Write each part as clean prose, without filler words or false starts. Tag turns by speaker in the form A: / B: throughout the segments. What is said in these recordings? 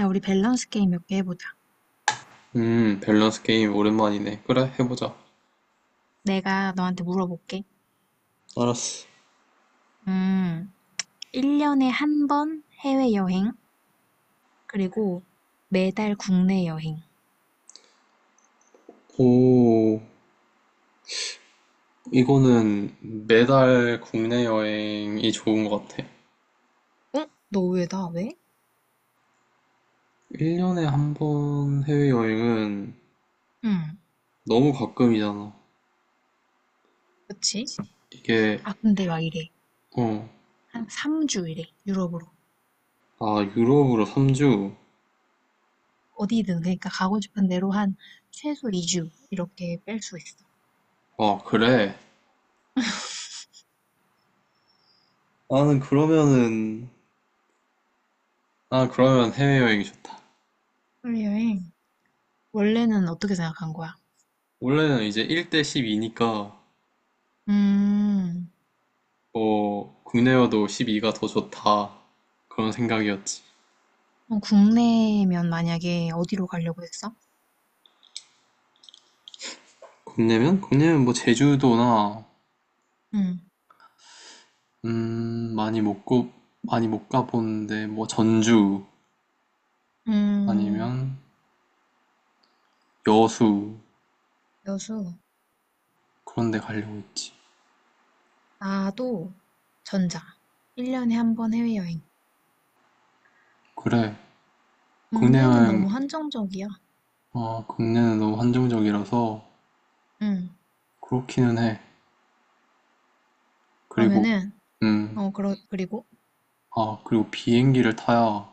A: 야, 우리 밸런스 게임 몇 개 해보자.
B: 밸런스 게임 오랜만이네. 그래, 해보자.
A: 내가 너한테 물어볼게.
B: 알았어.
A: 음, 1년에 한 번 해외여행, 그리고 매달 국내 여행.
B: 오, 이거는 매달 국내 여행이 좋은 것 같아.
A: 어? 너 왜 나 왜?
B: 1년에 한 번 해외여행은
A: 응.
B: 너무 가끔이잖아.
A: 그치?
B: 이게,
A: 아, 근데 막 이래.
B: 어,
A: 한 3주 이래, 유럽으로.
B: 아, 유럽으로 3주?
A: 어디든, 그러니까 가고 싶은 대로 한 최소 2주 이렇게 뺄 수 있어.
B: 아, 그래. 나는 그러면은, 아, 그러면 해외여행이 좋다.
A: 해외 여행. 원래는 어떻게 생각한 거야?
B: 원래는 이제 1대 12니까,
A: 음,
B: 뭐, 국내여도 12가 더 좋다. 그런 생각이었지.
A: 국내면 만약에 어디로 가려고 했어?
B: 국내면? 국내면 뭐 제주도나
A: 음,
B: 음 많이 못 고, 많이 못 가본데 뭐 전주
A: 음,
B: 아니면 여수
A: 여수.
B: 그런 데 가려고 했지.
A: 나도 전자. 1년에 한 번 해외여행.
B: 그래. 국내
A: 국내는 너무
B: 여행
A: 한정적이야.
B: 아 국내는 너무 한정적이라서
A: 응.
B: 그렇기는 해. 그리고
A: 그러면은,
B: 음
A: 그리고
B: 그리고 비행기를 타야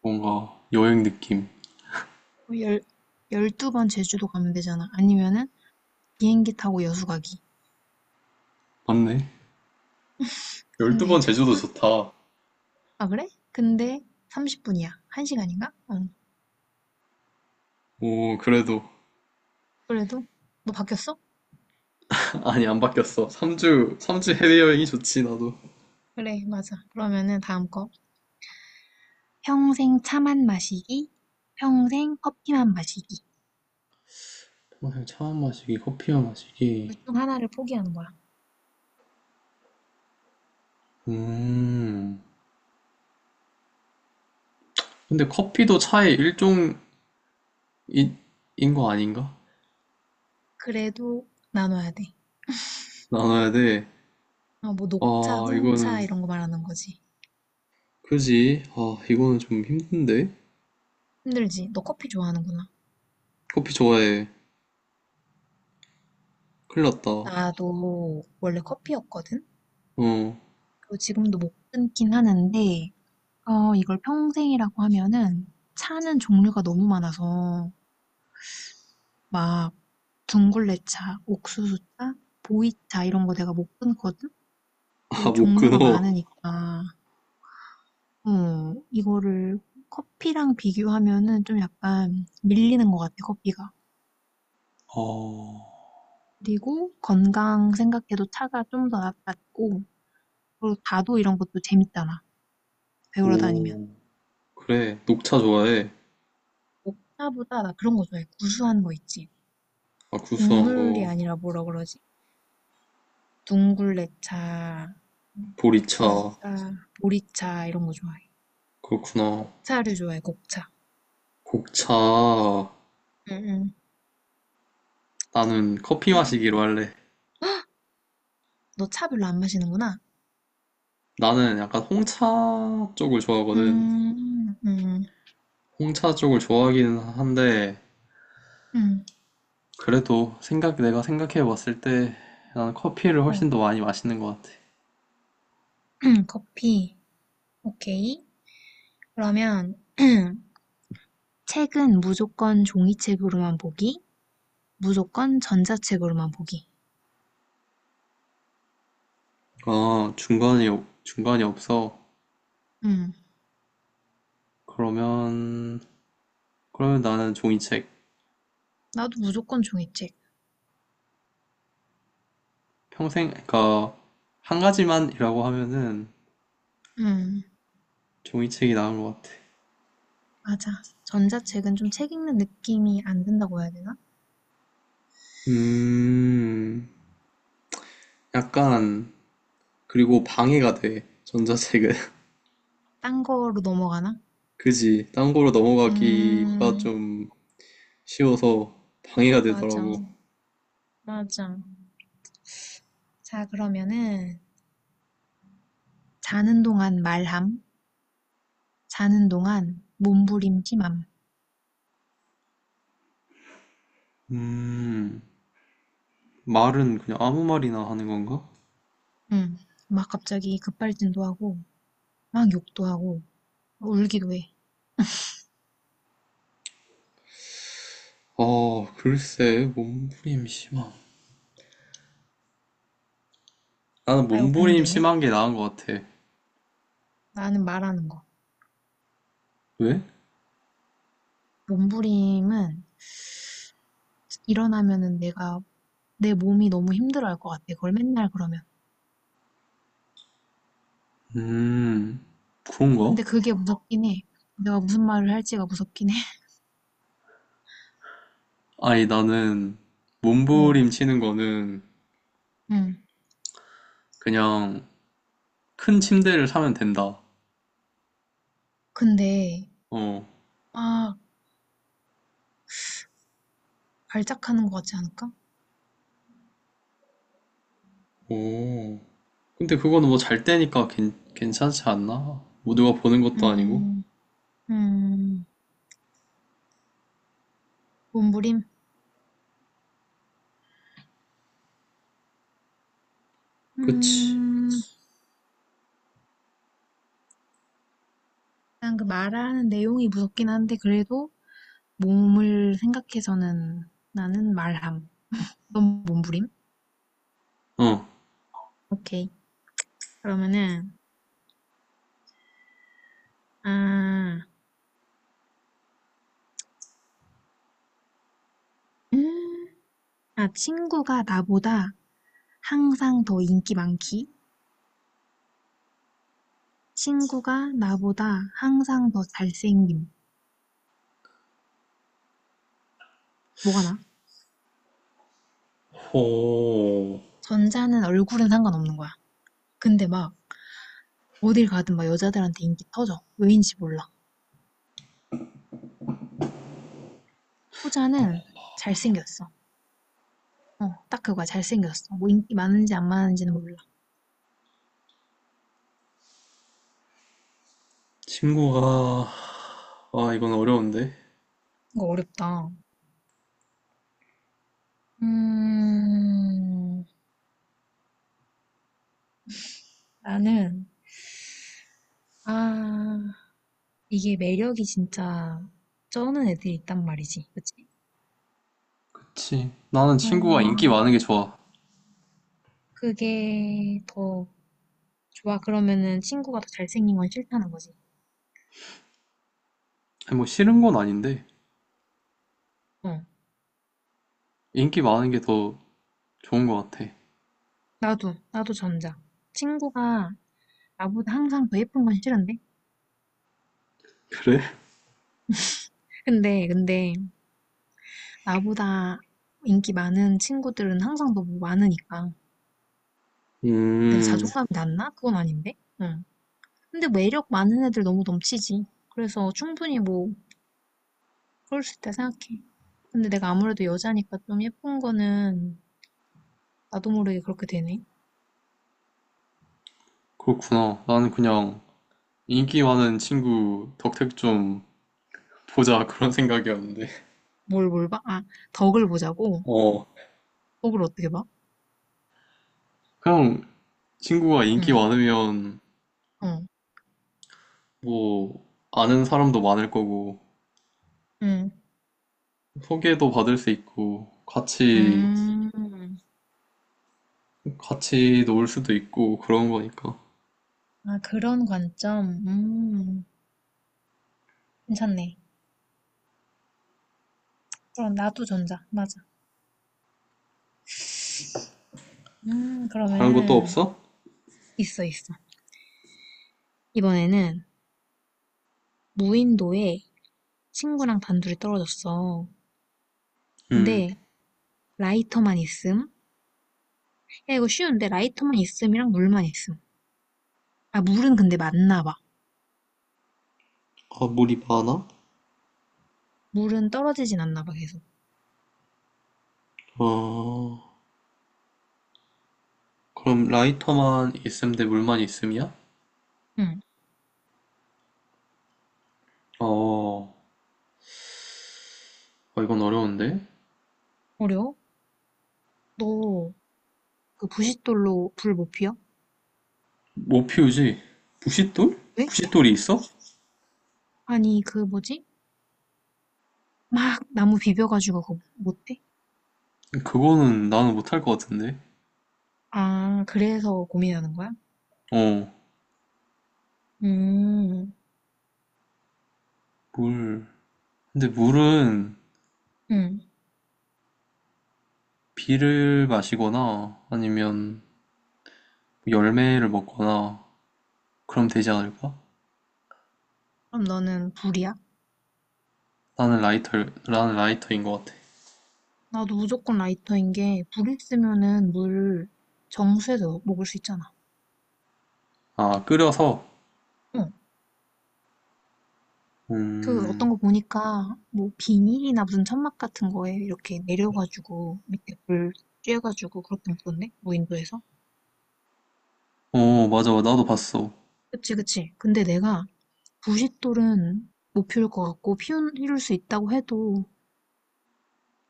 B: 뭔가 여행 느낌.
A: 열 12번 제주도 가면 되잖아. 아니면은 비행기 타고 여수 가기.
B: 맞네.
A: 근데,
B: 12번 제주도
A: 삼,
B: 좋다.
A: 아, 그래? 근데 30분이야. 1시간인가? 응.
B: 오, 그래도.
A: 그래도, 너 바뀌었어?
B: 아니, 안 바뀌었어. 삼주
A: 그렇
B: 3주
A: 지
B: 해외여행이 좋지, 나도.
A: 그래, 맞아. 그러면은 다음 거. 평생 차만 마시기, 평생 커피만 마시기.
B: 오, 차만 마시기, 커피만 마시기.
A: 둘 중 하나를 포기하는 거야.
B: 음. 근데 커피도 차의 일종인 인 거 아닌가?
A: 그래도 나눠야 돼.
B: 나눠야 돼.
A: 아, 뭐 녹차,
B: 아, 이거는,
A: 홍차 이런 거 말하는 거지.
B: 그지? 아, 이거는 좀 힘든데?
A: 힘들지? 너 커피 좋아하는구나.
B: 커피 좋아해. 큰일 났다.
A: 나도 원래 커피였거든?
B: 어.
A: 그리고 지금도 못 끊긴 하는데, 이걸 평생이라고 하면은 차는 종류가 너무 많아서 막 둥글레차, 옥수수차, 보이차 이런 거 내가 못 끊거든?
B: 아,
A: 그리고
B: 못
A: 종류가
B: 끊어.
A: 많으니까, 어, 이거를 커피랑 비교하면은 좀 약간 밀리는 것 같아, 커피가.
B: 아,
A: 그리고 건강 생각해도 차가 좀 더 낫고 그리고 다도 이런 것도 재밌잖아. 배우러 다니면.
B: 오. 그래, 녹차 좋아해.
A: 옥차보다 나 그런 거 좋아해. 구수한 거 있지.
B: 아, 구수한
A: 곡물이
B: 거.
A: 아니라 뭐라 그러지? 둥굴레차,
B: 보리차.
A: 옥수수차, 보리차 이런 거 좋아해.
B: 그렇구나.
A: 곡차를 좋아해, 곡차.
B: 곡차.
A: 응응.
B: 나는 커피
A: 그래?
B: 마시기로 할래.
A: 너 차 별로 안 마시는구나.
B: 나는 약간 홍차 쪽을 좋아하거든.
A: 음, 음,
B: 홍차 쪽을 좋아하기는 한데
A: 음.
B: 그래도 생각 내가 생각해 봤을 때 나는 커피를
A: 어.
B: 훨씬 더 많이 마시는 것 같아.
A: 커피. 오케이. 그러면 책은 무조건 종이책으로만 보기. 무조건 전자책으로만 보기.
B: 아, 중간이 없어.
A: 음,
B: 그러면 그러면 나는 종이책
A: 나도 무조건 종이책.
B: 평생 그니까 한 가지만이라고 하면은
A: 음,
B: 종이책이 나은 것 같아.
A: 맞아. 전자책은 좀 책 읽는 느낌이 안 든다고 해야 되나?
B: 음, 약간 그리고 방해가 돼. 전자책은.
A: 딴 거로 넘어가나?
B: 그지. 딴 거로 넘어가기가
A: 음,
B: 좀 쉬워서 방해가
A: 맞아.
B: 되더라고.
A: 맞아. 자, 그러면은 자는 동안 말함, 자는 동안 몸부림 심함.
B: 음. 말은 그냥 아무 말이나 하는 건가?
A: 음, 막 갑자기 급발진도 하고, 막 욕도 하고, 울기도 해.
B: 어, 글쎄, 몸부림 심한. 나는
A: 아이고,
B: 몸부림
A: 고민되네.
B: 심한 게 나은 것 같아.
A: 나는 말하는 거.
B: 왜?
A: 몸부림은 일어나면은 내가 내 몸이 너무 힘들어할 것 같아. 그걸 맨날 그러면.
B: 음, 그런가?
A: 근데 그게 무섭긴 해. 내가 무슨 말을 할지가 무섭긴 해.
B: 아니, 나는
A: 응.
B: 몸부림 치는 거는
A: 응
B: 그냥 큰 침대를 사면 된다.
A: 근데
B: 어.
A: 막 발작하는 것 같지 않을까?
B: 오. 근데 그거는 뭐 잘 때니까 괜찮지 않나? 뭐 누가 보는 것도 아니고.
A: 음. 음. 몸부림.
B: 그치.
A: 음. 일단 그 말하는 내용이 무섭긴 한데 그래도 몸을 생각해서는 나는 말함. 넌 몸부림?
B: 어.
A: 오케이. 그러면은 아. 음. 아 친구가 나보다 항상 더 인기 많기. 친구가 나보다 항상 더 잘생김. 뭐가 나?
B: 호.
A: 전자는 얼굴은 상관없는 거야. 근데 막 어딜 가든 막 여자들한테 인기 터져. 왜인지 몰라. 후자는 잘생겼어. 딱 그거야. 잘생겼어. 뭐 인기 많은지 안 많은지는 몰라.
B: 친구가, 아, 이건 어려운데.
A: 이거 어렵다. 음, 나는, 아, 이게 매력이 진짜 쩌는 애들이 있단 말이지. 그치?
B: 그치. 나는 친구가 인기 많은
A: 음,
B: 게 좋아.
A: 그게 더 좋아. 그러면은 친구가 더 잘생긴 건 싫다는 거지.
B: 아니, 뭐 싫은 건 아닌데,
A: 어,
B: 인기 많은 게 더 좋은 것 같아.
A: 나도 전자. 친구가 나보다 항상 더 예쁜 건 싫은데?
B: 그래?
A: 근데, 나보다 인기 많은 친구들은 항상 너무 많으니까. 내가
B: 음,
A: 자존감이 낮나? 그건 아닌데? 응. 근데 매력 많은 애들 너무 넘치지. 그래서 충분히 뭐, 그럴 수 있다 생각해. 근데 내가 아무래도 여자니까 좀 예쁜 거는 나도 모르게 그렇게 되네.
B: 그렇구나. 나는 그냥 인기 많은 친구 덕택 좀 보자 그런 생각이었는데.
A: 뭘 봐? 아, 덕을 보자고?
B: 어,
A: 덕을 어떻게 봐?
B: 그냥 친구가
A: 응,
B: 인기 많으면
A: 어,
B: 뭐 아는 사람도 많을 거고,
A: 응,
B: 소개도 받을 수 있고, 같이,
A: 음.
B: 같이 놀 수도 있고, 그런 거니까.
A: 아, 그런 관점? 괜찮네. 그럼 나도 전자. 맞아.
B: 다른 것도
A: 그러면은,
B: 없어?
A: 있어, 있어. 이번에는 무인도에 친구랑 단둘이 떨어졌어.
B: 음,
A: 근데 라이터만 있음? 야, 이거 쉬운데 라이터만 있음이랑 물만 있음. 아, 물은 근데 맞나 봐.
B: 아, 물이 많아?
A: 물은 떨어지진 않나 봐, 계속.
B: 어... 그럼 라이터만 있음 대 물만 있음이야?
A: 응.
B: 어, 이건 어려운데.
A: 어려워? 너 그 부싯돌로 불 못 피워?
B: 못 피우지? 부싯돌?
A: 왜?
B: 부싯돌이 있어?
A: 아니, 그 뭐지? 막 나무 비벼가지고 그거 못해?
B: 그거는 나는 못 할 것 같은데.
A: 아, 그래서 고민하는 거야?
B: 어,
A: 음,
B: 물. 근데 물은
A: 응.
B: 비를 마시거나 아니면 열매를 먹거나 그럼 되지 않을까?
A: 그럼 너는 불이야?
B: 나는 라이터, 나는 라이터인 것 같아.
A: 나도 무조건 라이터인 게, 불 있으면은 물 정수해서 먹을 수 있잖아.
B: 아, 끓여서?
A: 응. 그 어떤
B: 음,
A: 거 보니까, 뭐 비닐이나 무슨 천막 같은 거에 이렇게 내려가지고, 밑에 불 쬐가지고 그렇게 먹던데? 무인도에서?
B: 맞아. 나도 봤어.
A: 그치, 그치. 근데 내가 부싯돌은 못 피울 것 같고, 피울 수 있다고 해도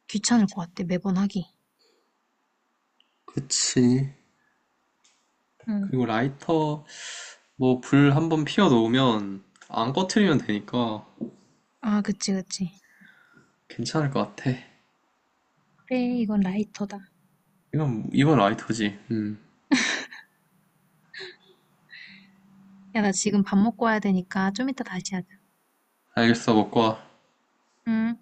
A: 귀찮을 것 같아, 매번 하기.
B: 그치.
A: 응.
B: 그리고 라이터, 뭐 불 한번 피워 놓으면 안 꺼트리면 되니까
A: 아, 그치, 그치.
B: 괜찮을 것 같아.
A: 그래, 이건 라이터다.
B: 이건 라이터지. 음.
A: 야, 나 지금 밥 먹고 와야 되니까 좀 이따 다시 하자.
B: 알겠어, 먹고 와.
A: 응.